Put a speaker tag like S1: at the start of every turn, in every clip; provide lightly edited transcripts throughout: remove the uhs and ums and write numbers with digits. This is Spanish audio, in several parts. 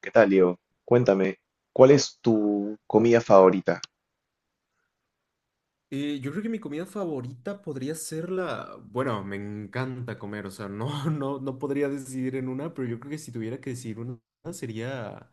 S1: ¿Qué tal, Diego? Cuéntame, ¿cuál es tu comida favorita?
S2: Yo creo que mi comida favorita podría ser la... Bueno, me encanta comer, o sea, no, no podría decidir en una, pero yo creo que si tuviera que decidir una sería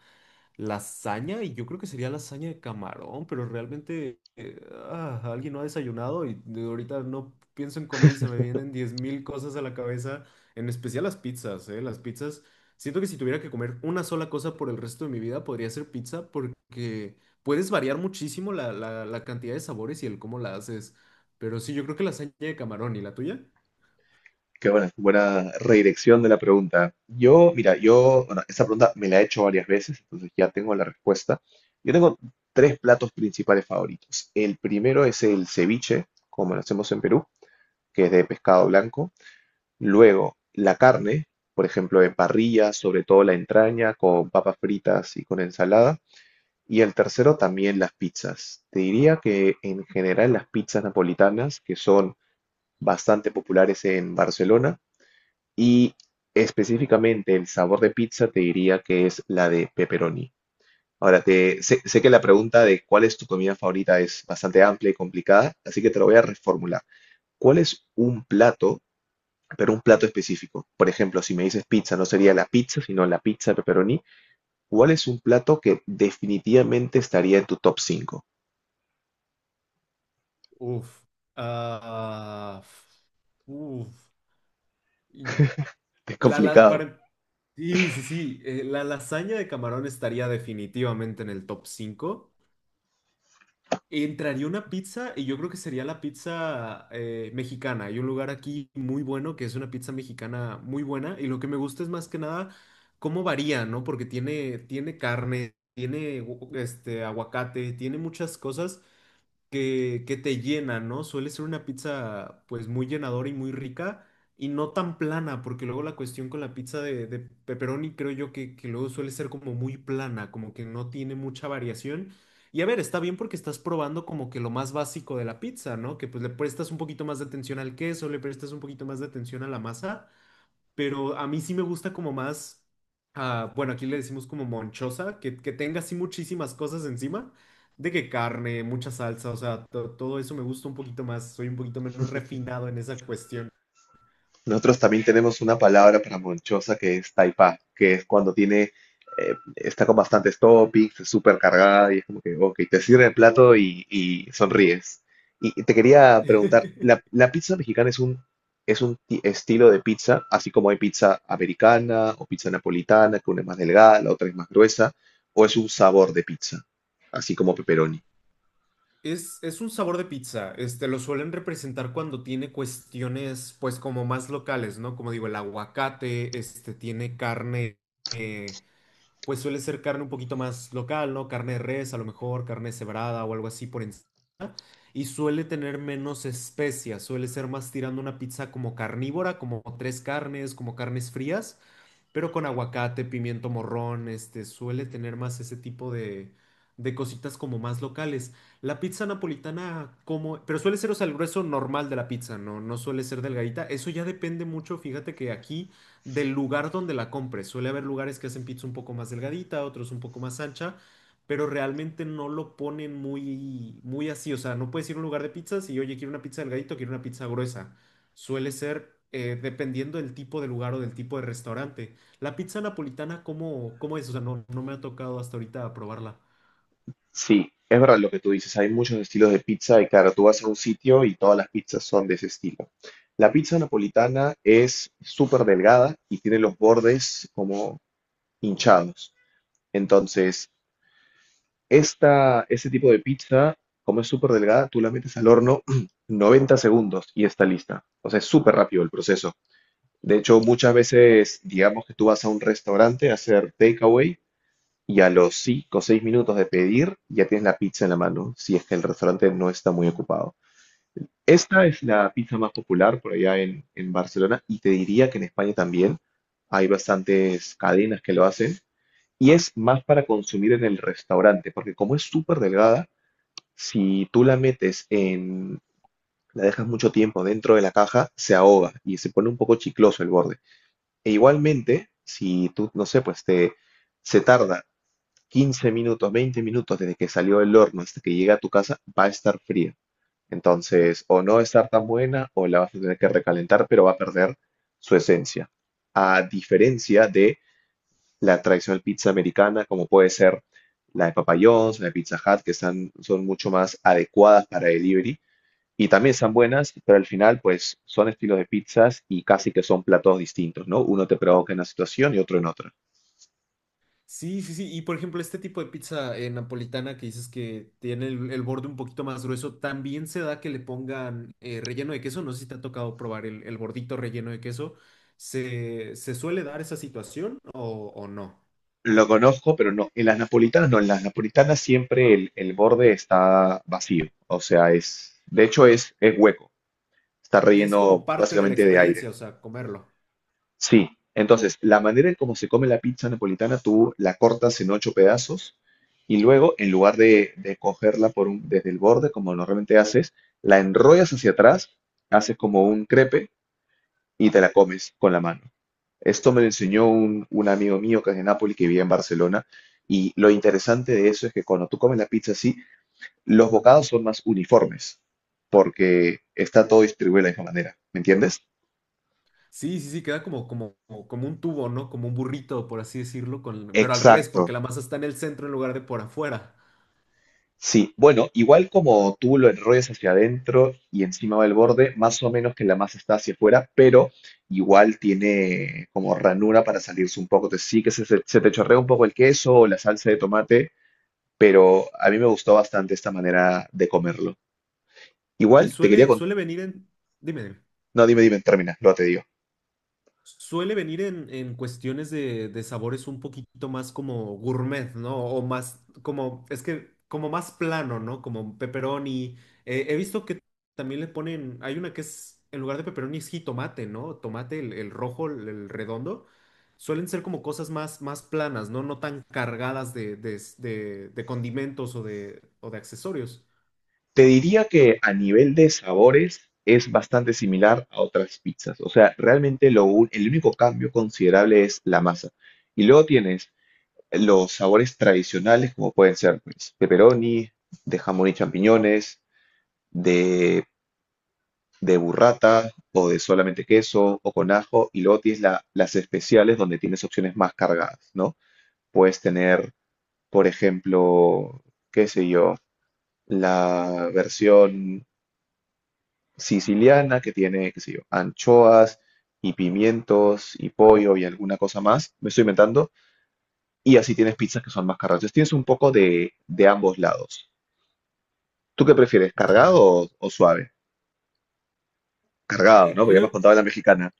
S2: lasaña y yo creo que sería lasaña de camarón, pero realmente alguien no ha desayunado y de ahorita no pienso en comida y se me vienen 10.000 cosas a la cabeza, en especial las pizzas, ¿eh? Las pizzas, siento que si tuviera que comer una sola cosa por el resto de mi vida podría ser pizza porque puedes variar muchísimo la cantidad de sabores y el cómo la haces. Pero sí, yo creo que la lasaña de camarón y la tuya.
S1: Qué buena, buena redirección de la pregunta. Yo, mira, yo, bueno, esa pregunta me la he hecho varias veces, entonces ya tengo la respuesta. Yo tengo tres platos principales favoritos. El primero es el ceviche, como lo hacemos en Perú, que es de pescado blanco. Luego, la carne, por ejemplo, en parrilla, sobre todo la entraña, con papas fritas y con ensalada. Y el tercero también las pizzas. Te diría que en general las pizzas napolitanas, que son bastante populares en Barcelona, y específicamente el sabor de pizza te diría que es la de pepperoni. Ahora, sé que la pregunta de cuál es tu comida favorita es bastante amplia y complicada, así que te lo voy a reformular. ¿Cuál es un plato, pero un plato específico? Por ejemplo, si me dices pizza, no sería la pizza, sino la pizza pepperoni. ¿Cuál es un plato que definitivamente estaría en tu top cinco?
S2: Uf. Ah, uf. Y
S1: Es complicado.
S2: Para, sí, sí, sí. La lasaña de camarón estaría definitivamente en el top 5. Entraría una pizza y yo creo que sería la pizza mexicana. Hay un lugar aquí muy bueno que es una pizza mexicana muy buena y lo que me gusta es más que nada cómo varía, ¿no? Porque tiene carne, tiene aguacate, tiene muchas cosas que te llena, ¿no? Suele ser una pizza pues muy llenadora y muy rica y no tan plana, porque luego la cuestión con la pizza de pepperoni creo yo que luego suele ser como muy plana, como que no tiene mucha variación. Y a ver, está bien porque estás probando como que lo más básico de la pizza, ¿no? Que pues le prestas un poquito más de atención al queso, le prestas un poquito más de atención a la masa, pero a mí sí me gusta como más, bueno, aquí le decimos como monchosa, que tenga así muchísimas cosas encima, de que carne, mucha salsa, o sea, todo eso me gusta un poquito más, soy un poquito menos refinado en esa cuestión.
S1: Nosotros también tenemos una palabra para monchosa que es taipa, que es cuando tiene, está con bastantes toppings, es súper cargada y es como que, ok, te sirve el plato y sonríes. Y te quería preguntar, ¿la, la pizza mexicana es un, estilo de pizza, así como hay pizza americana o pizza napolitana, que una es más delgada, la otra es más gruesa, o es un sabor de pizza, así como pepperoni?
S2: Es un sabor de pizza, este, lo suelen representar cuando tiene cuestiones, pues, como más locales, ¿no? Como digo, el aguacate, este, tiene carne, eh, pues suele ser carne un poquito más local, ¿no? Carne de res, a lo mejor, carne cebrada o algo así por encima. Y suele tener menos especias, suele ser más tirando una pizza como carnívora, como tres carnes, como carnes frías, pero con aguacate, pimiento morrón, este, suele tener más ese tipo de cositas como más locales. La pizza napolitana, como, pero suele ser, o sea, el grueso normal de la pizza, no, no suele ser delgadita. Eso ya depende mucho, fíjate que aquí, del lugar donde la compres. Suele haber lugares que hacen pizza un poco más delgadita, otros un poco más ancha, pero realmente no lo ponen muy, muy así. O sea, no puedes ir a un lugar de pizzas y, oye, quiero una pizza delgadito, quiero una pizza gruesa. Suele ser dependiendo del tipo de lugar o del tipo de restaurante. La pizza napolitana, ¿cómo, cómo es? O sea, no, no me ha tocado hasta ahorita probarla.
S1: Sí, es verdad lo que tú dices, hay muchos estilos de pizza y claro, tú vas a un sitio y todas las pizzas son de ese estilo. La pizza napolitana es súper delgada y tiene los bordes como hinchados. Entonces, esta, este tipo de pizza, como es súper delgada, tú la metes al horno 90 segundos y está lista. O sea, es súper rápido el proceso. De hecho, muchas veces, digamos que tú vas a un restaurante a hacer takeaway y a los 5 o 6 minutos de pedir, ya tienes la pizza en la mano, si es que el restaurante no está muy ocupado. Esta es la pizza más popular por allá en, Barcelona y te diría que en España también hay bastantes cadenas que lo hacen y es más para consumir en el restaurante, porque como es súper delgada, si tú la metes la dejas mucho tiempo dentro de la caja, se ahoga y se pone un poco chicloso el borde. E igualmente, si tú, no sé, pues se tarda 15 minutos, 20 minutos desde que salió del horno hasta que llega a tu casa, va a estar fría. Entonces, o no va a estar tan buena o la vas a tener que recalentar, pero va a perder su esencia. A diferencia de la tradicional pizza americana, como puede ser la de Papa John's, la de Pizza Hut, que están, son mucho más adecuadas para delivery y también están buenas, pero al final, pues son estilos de pizzas y casi que son platos distintos, ¿no? Uno te provoca en una situación y otro en otra.
S2: Sí, sí, sí. Y por ejemplo, este tipo de pizza napolitana que dices que tiene el borde un poquito más grueso, también se da que le pongan relleno de queso. No sé si te ha tocado probar el bordito relleno de queso. Se suele dar esa situación o no?
S1: Lo conozco, pero no. En las napolitanas, no, en las napolitanas siempre el borde está vacío. O sea, de hecho es, hueco. Está
S2: Y es
S1: relleno
S2: como parte de la
S1: básicamente de
S2: experiencia,
S1: aire.
S2: o sea, comerlo.
S1: Sí. Entonces, la manera en cómo se come la pizza napolitana, tú la cortas en ocho pedazos y luego, en lugar de cogerla por un, desde el borde, como normalmente haces, la enrollas hacia atrás, haces como un crepe y te la comes con la mano. Esto me lo enseñó un, amigo mío que es de Nápoles, que vivía en Barcelona. Y lo interesante de eso es que cuando tú comes la pizza así, los bocados son más uniformes, porque está todo distribuido de la misma manera. ¿Me entiendes?
S2: Sí, sí, sí, queda como, como, como un tubo, ¿no? Como un burrito, por así decirlo, con... pero al revés, porque
S1: Exacto.
S2: la masa está en el centro en lugar de por afuera.
S1: Sí, bueno, igual como tú lo enrollas hacia adentro y encima va el borde, más o menos que la masa está hacia afuera, pero igual tiene como ranura para salirse un poco. Te sí que se te chorrea un poco el queso o la salsa de tomate, pero a mí me gustó bastante esta manera de comerlo.
S2: Y
S1: Igual te quería contar.
S2: suele venir en... Dime, dime.
S1: No, dime, dime, termina, luego te digo.
S2: Suele venir en cuestiones de sabores un poquito más como gourmet, ¿no? O más como, es que como más plano, ¿no? Como pepperoni. He visto que también le ponen, hay una que es, en lugar de pepperoni es jitomate, ¿no? Tomate, el rojo, el redondo. Suelen ser como cosas más, más planas, ¿no? No tan cargadas de, de condimentos o de accesorios.
S1: Te diría que a nivel de sabores es bastante similar a otras pizzas. O sea, realmente el único cambio considerable es la masa. Y luego tienes los sabores tradicionales, como pueden ser pues, pepperoni, de jamón y champiñones, de, burrata o de solamente queso o con ajo. Y luego tienes las especiales donde tienes opciones más cargadas, ¿no? Puedes tener, por ejemplo, qué sé yo. La versión siciliana que tiene, qué sé yo, anchoas y pimientos y pollo y alguna cosa más, me estoy inventando, y así tienes pizzas que son más cargadas. Entonces tienes un poco de, ambos lados. ¿Tú qué prefieres, cargado
S2: Ya.
S1: o suave? Cargado,
S2: Y
S1: ¿no? Porque ya me has
S2: Creo,
S1: contado la mexicana.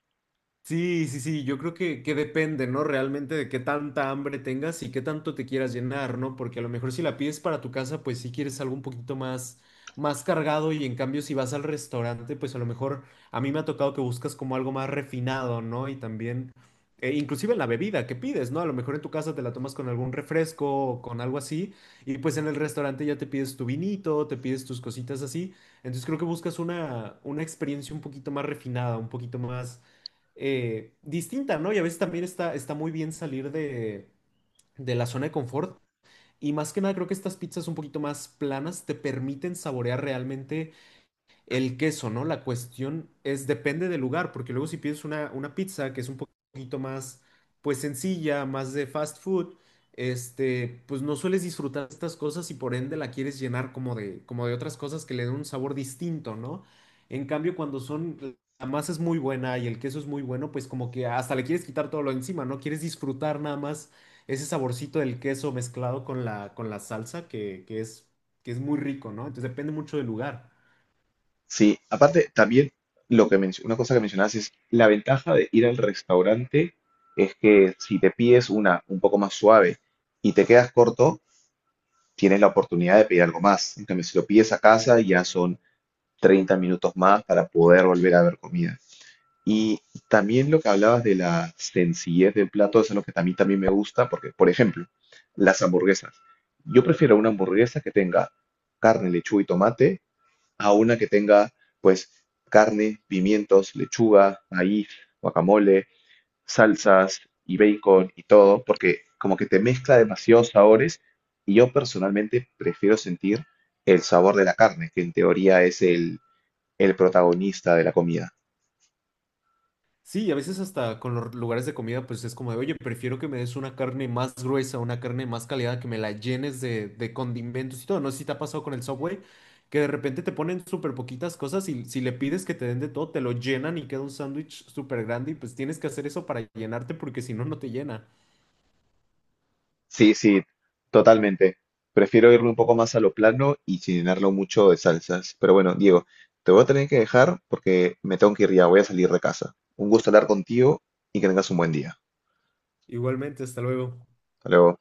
S2: Sí, sí, sí, yo creo que depende, ¿no? Realmente de qué tanta hambre tengas y qué tanto te quieras llenar, ¿no? Porque a lo mejor si la pides para tu casa, pues sí quieres algo un poquito más, más cargado, y en cambio si vas al restaurante, pues a lo mejor a mí me ha tocado que buscas como algo más refinado, ¿no? Y también, inclusive en la bebida que pides, ¿no? A lo mejor en tu casa te la tomas con algún refresco o con algo así, y pues en el restaurante ya te pides tu vinito, te pides tus cositas así. Entonces creo que buscas una experiencia un poquito más refinada, un poquito más distinta, ¿no? Y a veces también está, está muy bien salir de la zona de confort. Y más que nada, creo que estas pizzas un poquito más planas te permiten saborear realmente el queso, ¿no? La cuestión es, depende del lugar, porque luego si pides una pizza que es un poquito más, pues sencilla, más de fast food, este, pues no sueles disfrutar estas cosas y por ende la quieres llenar como de otras cosas que le den un sabor distinto, ¿no? En cambio, cuando son, la masa es muy buena y el queso es muy bueno, pues como que hasta le quieres quitar todo lo encima, ¿no? Quieres disfrutar nada más ese saborcito del queso mezclado con la salsa que es muy rico, ¿no? Entonces depende mucho del lugar.
S1: Sí, aparte también una cosa que mencionabas es la ventaja de ir al restaurante es que si te pides una un poco más suave y te quedas corto, tienes la oportunidad de pedir algo más. En cambio, si lo pides a casa, ya son 30 minutos más para poder volver a ver comida. Y también lo que hablabas de la sencillez del plato, eso es lo que a mí también me gusta, porque, por ejemplo, las hamburguesas. Yo prefiero una hamburguesa que tenga carne, lechuga y tomate a una que tenga, pues, carne, pimientos, lechuga, maíz, guacamole, salsas y bacon y todo, porque como que te mezcla demasiados sabores y yo personalmente prefiero sentir el sabor de la carne, que en teoría es el protagonista de la comida.
S2: Sí, y a veces hasta con los lugares de comida, pues es como de, oye, prefiero que me des una carne más gruesa, una carne más calidad, que me la llenes de condimentos y todo. No sé si te ha pasado con el Subway, que de repente te ponen súper poquitas cosas y si le pides que te den de todo, te lo llenan y queda un sándwich súper grande y pues tienes que hacer eso para llenarte porque si no, no te llena.
S1: Sí, sí, totalmente. Prefiero irme un poco más a lo plano y sin llenarlo mucho de salsas. Pero bueno, Diego, te voy a tener que dejar porque me tengo que ir ya, voy a salir de casa. Un gusto hablar contigo y que tengas un buen día.
S2: Igualmente, hasta luego.
S1: Hasta luego.